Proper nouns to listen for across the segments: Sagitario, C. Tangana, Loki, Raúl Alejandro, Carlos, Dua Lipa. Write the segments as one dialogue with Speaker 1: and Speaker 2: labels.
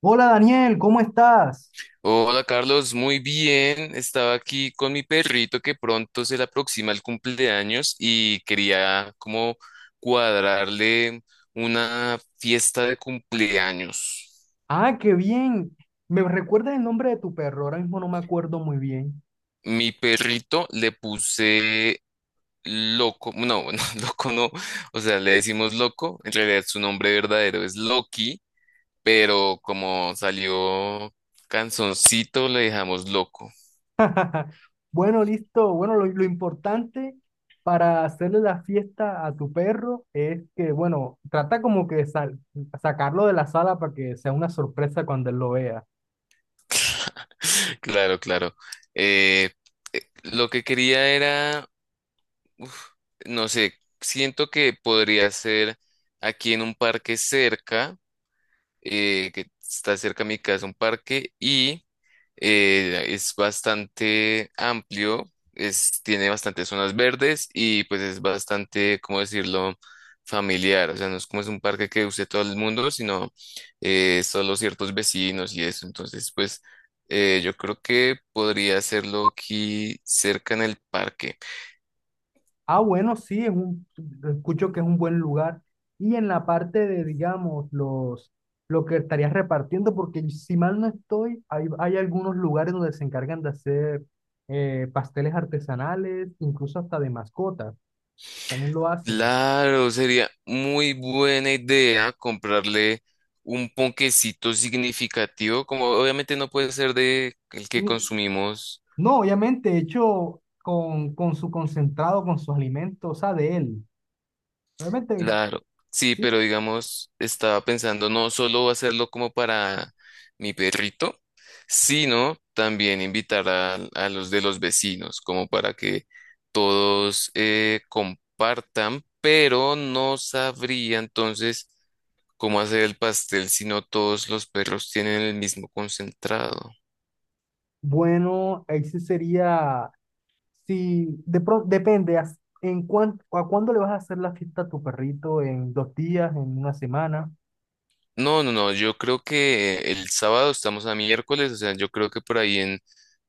Speaker 1: Hola Daniel, ¿cómo estás?
Speaker 2: Hola Carlos, muy bien. Estaba aquí con mi perrito que pronto se le aproxima el cumpleaños y quería como cuadrarle una fiesta de cumpleaños.
Speaker 1: Ah, qué bien. ¿Me recuerdas el nombre de tu perro? Ahora mismo no me acuerdo muy bien.
Speaker 2: Mi perrito le puse loco, no, no, loco no, o sea, le decimos loco, en realidad su nombre verdadero es Loki, pero como salió canzoncito le dejamos loco.
Speaker 1: Bueno, listo. Bueno, lo importante para hacerle la fiesta a tu perro es que, bueno, trata como que sacarlo de la sala para que sea una sorpresa cuando él lo vea.
Speaker 2: Claro, claro. Eh, lo que quería era, no sé, siento que podría ser aquí en un parque cerca, que está cerca a mi casa, un parque, y es bastante amplio, es, tiene bastantes zonas verdes y pues es bastante, ¿cómo decirlo?, familiar. O sea, no es como es un parque que use todo el mundo, sino solo ciertos vecinos y eso. Entonces, pues yo creo que podría hacerlo aquí cerca en el parque.
Speaker 1: Ah, bueno, sí, escucho que es un buen lugar. Y en la parte de, digamos, los, lo que estarías repartiendo, porque si mal no estoy, hay algunos lugares donde se encargan de hacer pasteles artesanales, incluso hasta de mascotas, también lo hacen.
Speaker 2: Claro, sería muy buena idea comprarle un ponquecito significativo, como obviamente no puede ser de el que
Speaker 1: Y-
Speaker 2: consumimos.
Speaker 1: no, obviamente hecho con su concentrado, con sus alimentos, o sea, de él. Obviamente,
Speaker 2: Claro, sí,
Speaker 1: sí.
Speaker 2: pero digamos, estaba pensando no solo hacerlo como para mi perrito, sino también invitar a los de los vecinos, como para que todos compartan, pero no sabría entonces cómo hacer el pastel si no todos los perros tienen el mismo concentrado.
Speaker 1: Bueno, ahí sí sería. Si de pronto depende a cuándo le vas a hacer la fiesta a tu perrito, en 2 días, en una semana.
Speaker 2: No, no, no, yo creo que el sábado, estamos a miércoles, o sea, yo creo que por ahí en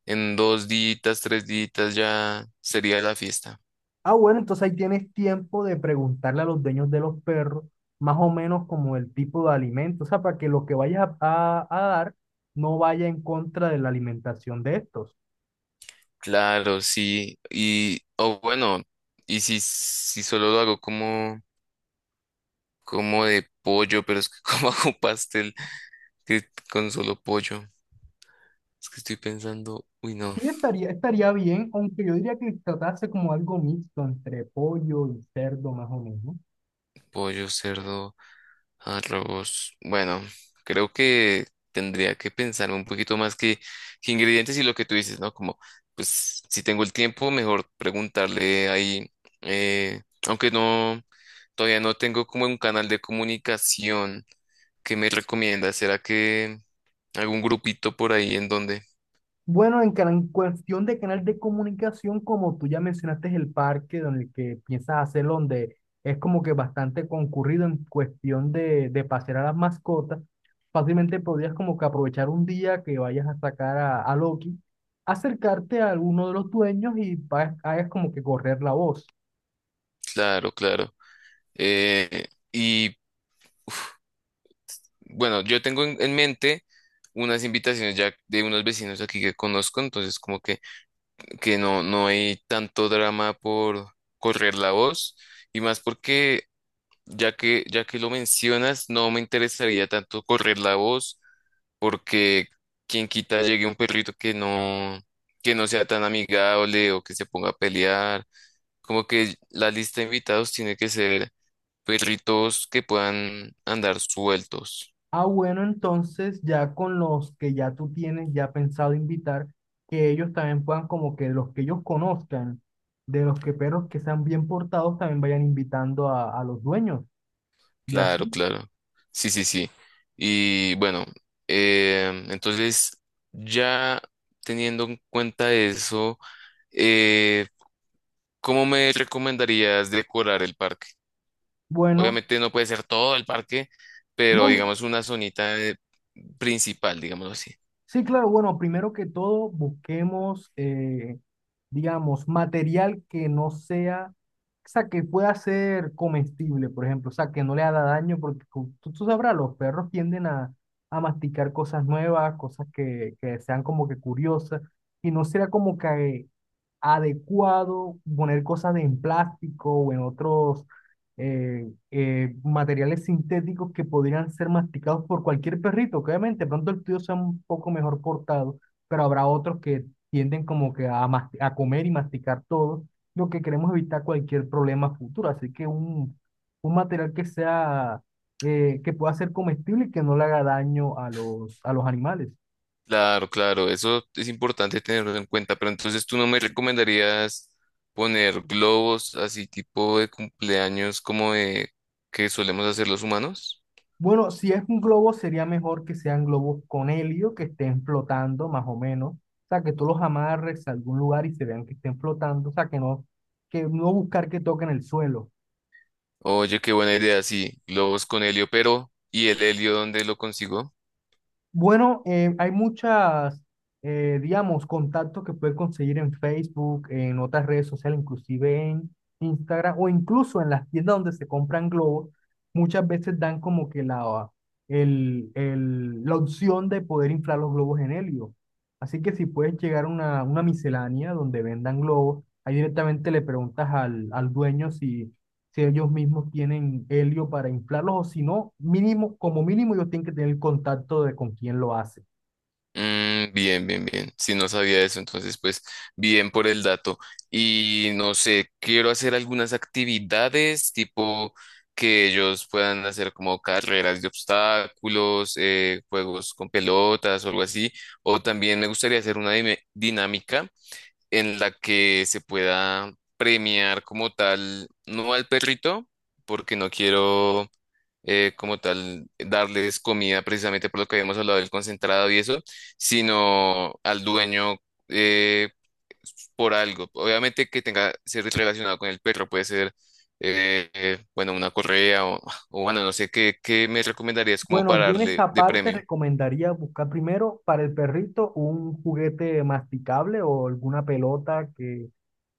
Speaker 2: En dos días, tres días ya sería la fiesta.
Speaker 1: Ah, bueno, entonces ahí tienes tiempo de preguntarle a los dueños de los perros más o menos como el tipo de alimento, o sea, para que lo que vayas a dar no vaya en contra de la alimentación de estos.
Speaker 2: Claro, sí. Y, o bueno, y si solo lo hago como, como de pollo, pero es que como hago pastel que con solo pollo. Es que estoy pensando, uy no,
Speaker 1: Sí, estaría bien, aunque yo diría que tratase como algo mixto entre pollo y cerdo más o menos.
Speaker 2: pollo, cerdo, arroz. Bueno, creo que tendría que pensar un poquito más que ingredientes y lo que tú dices, ¿no? Como, pues, si tengo el tiempo, mejor preguntarle ahí, aunque no. Todavía no tengo como un canal de comunicación. ¿Qué me recomiendas? ¿Será que algún grupito por ahí en donde?
Speaker 1: Bueno, en cuestión de canal de comunicación, como tú ya mencionaste, el parque donde el que piensas hacerlo, donde es como que bastante concurrido en cuestión de pasear a las mascotas, fácilmente podrías como que aprovechar un día que vayas a sacar a Loki, acercarte a alguno de los dueños y hagas como que correr la voz.
Speaker 2: Claro, claro. Y bueno, yo tengo en mente unas invitaciones ya de unos vecinos aquí que conozco, entonces como que no, no hay tanto drama por correr la voz y más porque ya que lo mencionas, no me interesaría tanto correr la voz porque quien quita llegue un perrito que no sea tan amigable o que se ponga a pelear. Como que la lista de invitados tiene que ser perritos que puedan andar sueltos.
Speaker 1: Ah, bueno, entonces ya con los que ya tú tienes ya pensado invitar, que ellos también puedan como que los que ellos conozcan, de los que perros que sean bien portados, también vayan invitando a los dueños y
Speaker 2: Claro,
Speaker 1: así.
Speaker 2: claro. Sí, sí, sí. Y bueno, entonces ya teniendo en cuenta eso, eh, ¿cómo me recomendarías decorar el parque?
Speaker 1: Bueno,
Speaker 2: Obviamente no puede ser todo el parque, pero
Speaker 1: no.
Speaker 2: digamos una zonita principal, digámoslo así.
Speaker 1: Sí, claro, bueno, primero que todo busquemos, digamos, material que no sea, o sea, que pueda ser comestible, por ejemplo, o sea, que no le haga daño, porque tú sabrás, los perros tienden a masticar cosas nuevas, cosas que sean como que curiosas, y no será como que adecuado poner cosas en plástico o en otros materiales sintéticos que podrían ser masticados por cualquier perrito, que obviamente pronto el tuyo sea un poco mejor portado, pero habrá otros que tienden como que a, a comer y masticar todo, lo que queremos evitar cualquier problema futuro, así que un material que sea, que pueda ser comestible y que no le haga daño a a los animales.
Speaker 2: Claro, claro, eso es importante tenerlo en cuenta, pero entonces, ¿tú no me recomendarías poner globos así tipo de cumpleaños como de que solemos hacer los humanos?
Speaker 1: Bueno, si es un globo, sería mejor que sean globos con helio, que estén flotando más o menos. O sea, que tú los amarres a algún lugar y se vean que estén flotando. O sea, que no buscar que toquen el suelo.
Speaker 2: Oye, qué buena idea, sí, globos con helio, pero ¿y el helio dónde lo consigo?
Speaker 1: Bueno, hay muchas, digamos, contactos que puedes conseguir en Facebook, en otras redes sociales, inclusive en Instagram o incluso en las tiendas donde se compran globos. Muchas veces dan como que la, la opción de poder inflar los globos en helio. Así que si puedes llegar a una miscelánea donde vendan globos, ahí directamente le preguntas al, al dueño si ellos mismos tienen helio para inflarlos o si no, mínimo, como mínimo ellos tienen que tener el contacto de con quién lo hace.
Speaker 2: Mm, bien, bien, bien. Si no sabía eso, entonces pues bien por el dato. Y no sé, quiero hacer algunas actividades tipo que ellos puedan hacer, como carreras de obstáculos, juegos con pelotas o algo así. O también me gustaría hacer una dinámica en la que se pueda premiar como tal, no al perrito, porque no quiero como tal darles comida, precisamente por lo que habíamos hablado del concentrado y eso, sino al dueño eh, por algo. Obviamente que tenga ser relacionado con el perro, puede ser, bueno, una correa o bueno, no sé, ¿qué, qué me recomendarías como
Speaker 1: Bueno,
Speaker 2: para
Speaker 1: yo en
Speaker 2: darle
Speaker 1: esa
Speaker 2: de
Speaker 1: parte
Speaker 2: premio?
Speaker 1: recomendaría buscar primero para el perrito un juguete masticable o alguna pelota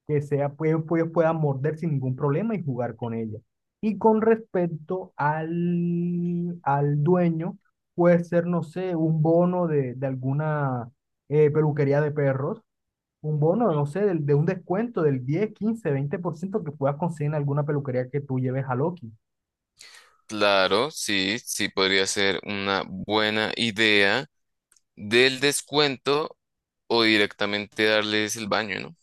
Speaker 1: que sea, pues, ellos puedan morder sin ningún problema y jugar con ella. Y con respecto al, al dueño, puede ser, no sé, un bono de alguna peluquería de perros, un bono, no sé, un descuento del 10, 15, 20% que puedas conseguir en alguna peluquería que tú lleves a Loki.
Speaker 2: Claro, sí, sí podría ser una buena idea del descuento o directamente darles el baño, ¿no?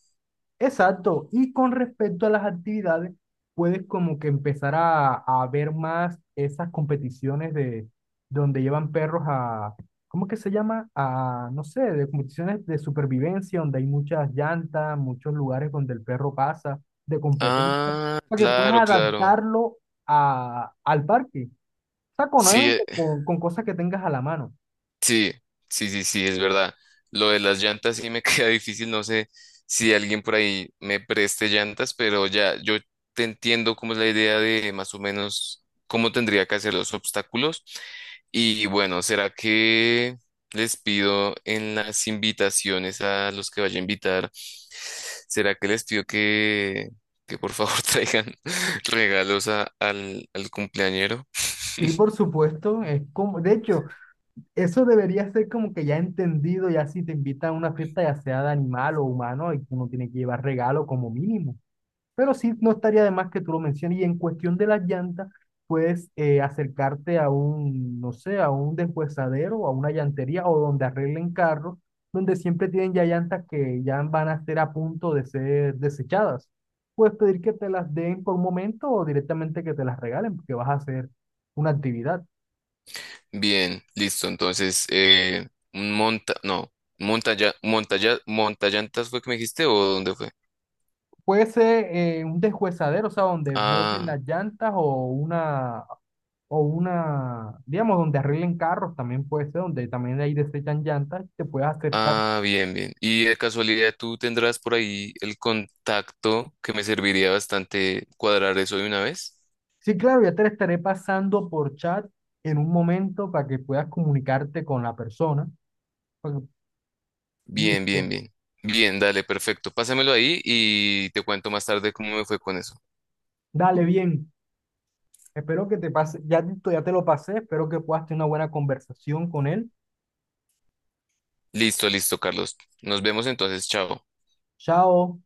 Speaker 1: Exacto. Y con respecto a las actividades, puedes como que empezar a ver más esas competiciones de donde llevan perros a, ¿cómo que se llama? A, no sé, de competiciones de supervivencia, donde hay muchas llantas, muchos lugares donde el perro pasa, de competencia,
Speaker 2: Ah,
Speaker 1: para que puedas
Speaker 2: claro, claro.
Speaker 1: adaptarlo a, al parque. O sea, con,
Speaker 2: Sí,
Speaker 1: obviamente, con cosas que tengas a la mano.
Speaker 2: sí, sí, sí, sí, es verdad. Lo de las llantas sí me queda difícil, no sé si alguien por ahí me preste llantas, pero ya yo te entiendo cómo es la idea de más o menos cómo tendría que hacer los obstáculos. Y bueno, ¿será que les pido en las invitaciones a los que vaya a invitar? ¿Será que les pido que por favor traigan regalos al cumpleañero?
Speaker 1: Sí, por supuesto, es como, de hecho, eso debería ser como que ya entendido, ya si te invitan a una fiesta, ya sea de animal o humano, y uno tiene que llevar regalo como mínimo. Pero sí, no estaría de más que tú lo menciones. Y en cuestión de las llantas, puedes acercarte a un, no sé, a un deshuesadero, a una llantería o donde arreglen carros, donde siempre tienen ya llantas que ya van a estar a punto de ser desechadas. Puedes pedir que te las den por un momento o directamente que te las regalen, porque vas a hacer una actividad.
Speaker 2: Bien, listo. Entonces, un monta, no, montallantas fue que me dijiste, o ¿dónde fue?
Speaker 1: Fuese un deshuesadero, o sea, donde boten
Speaker 2: Ah,
Speaker 1: las llantas o una, digamos, donde arreglen carros, también puede ser, donde también ahí desechan llantas, te puedes acercar.
Speaker 2: ah, bien, bien. Y de casualidad, ¿tú tendrás por ahí el contacto? Que me serviría bastante cuadrar eso de una vez.
Speaker 1: Sí, claro, ya te la estaré pasando por chat en un momento para que puedas comunicarte con la persona. Pues,
Speaker 2: Bien,
Speaker 1: listo,
Speaker 2: bien, bien. Bien, dale, perfecto. Pásamelo ahí y te cuento más tarde cómo me fue con eso.
Speaker 1: dale bien. Espero que te pase, ya, ya te lo pasé, espero que puedas tener una buena conversación con él.
Speaker 2: Listo, listo, Carlos. Nos vemos entonces, chao.
Speaker 1: Chao.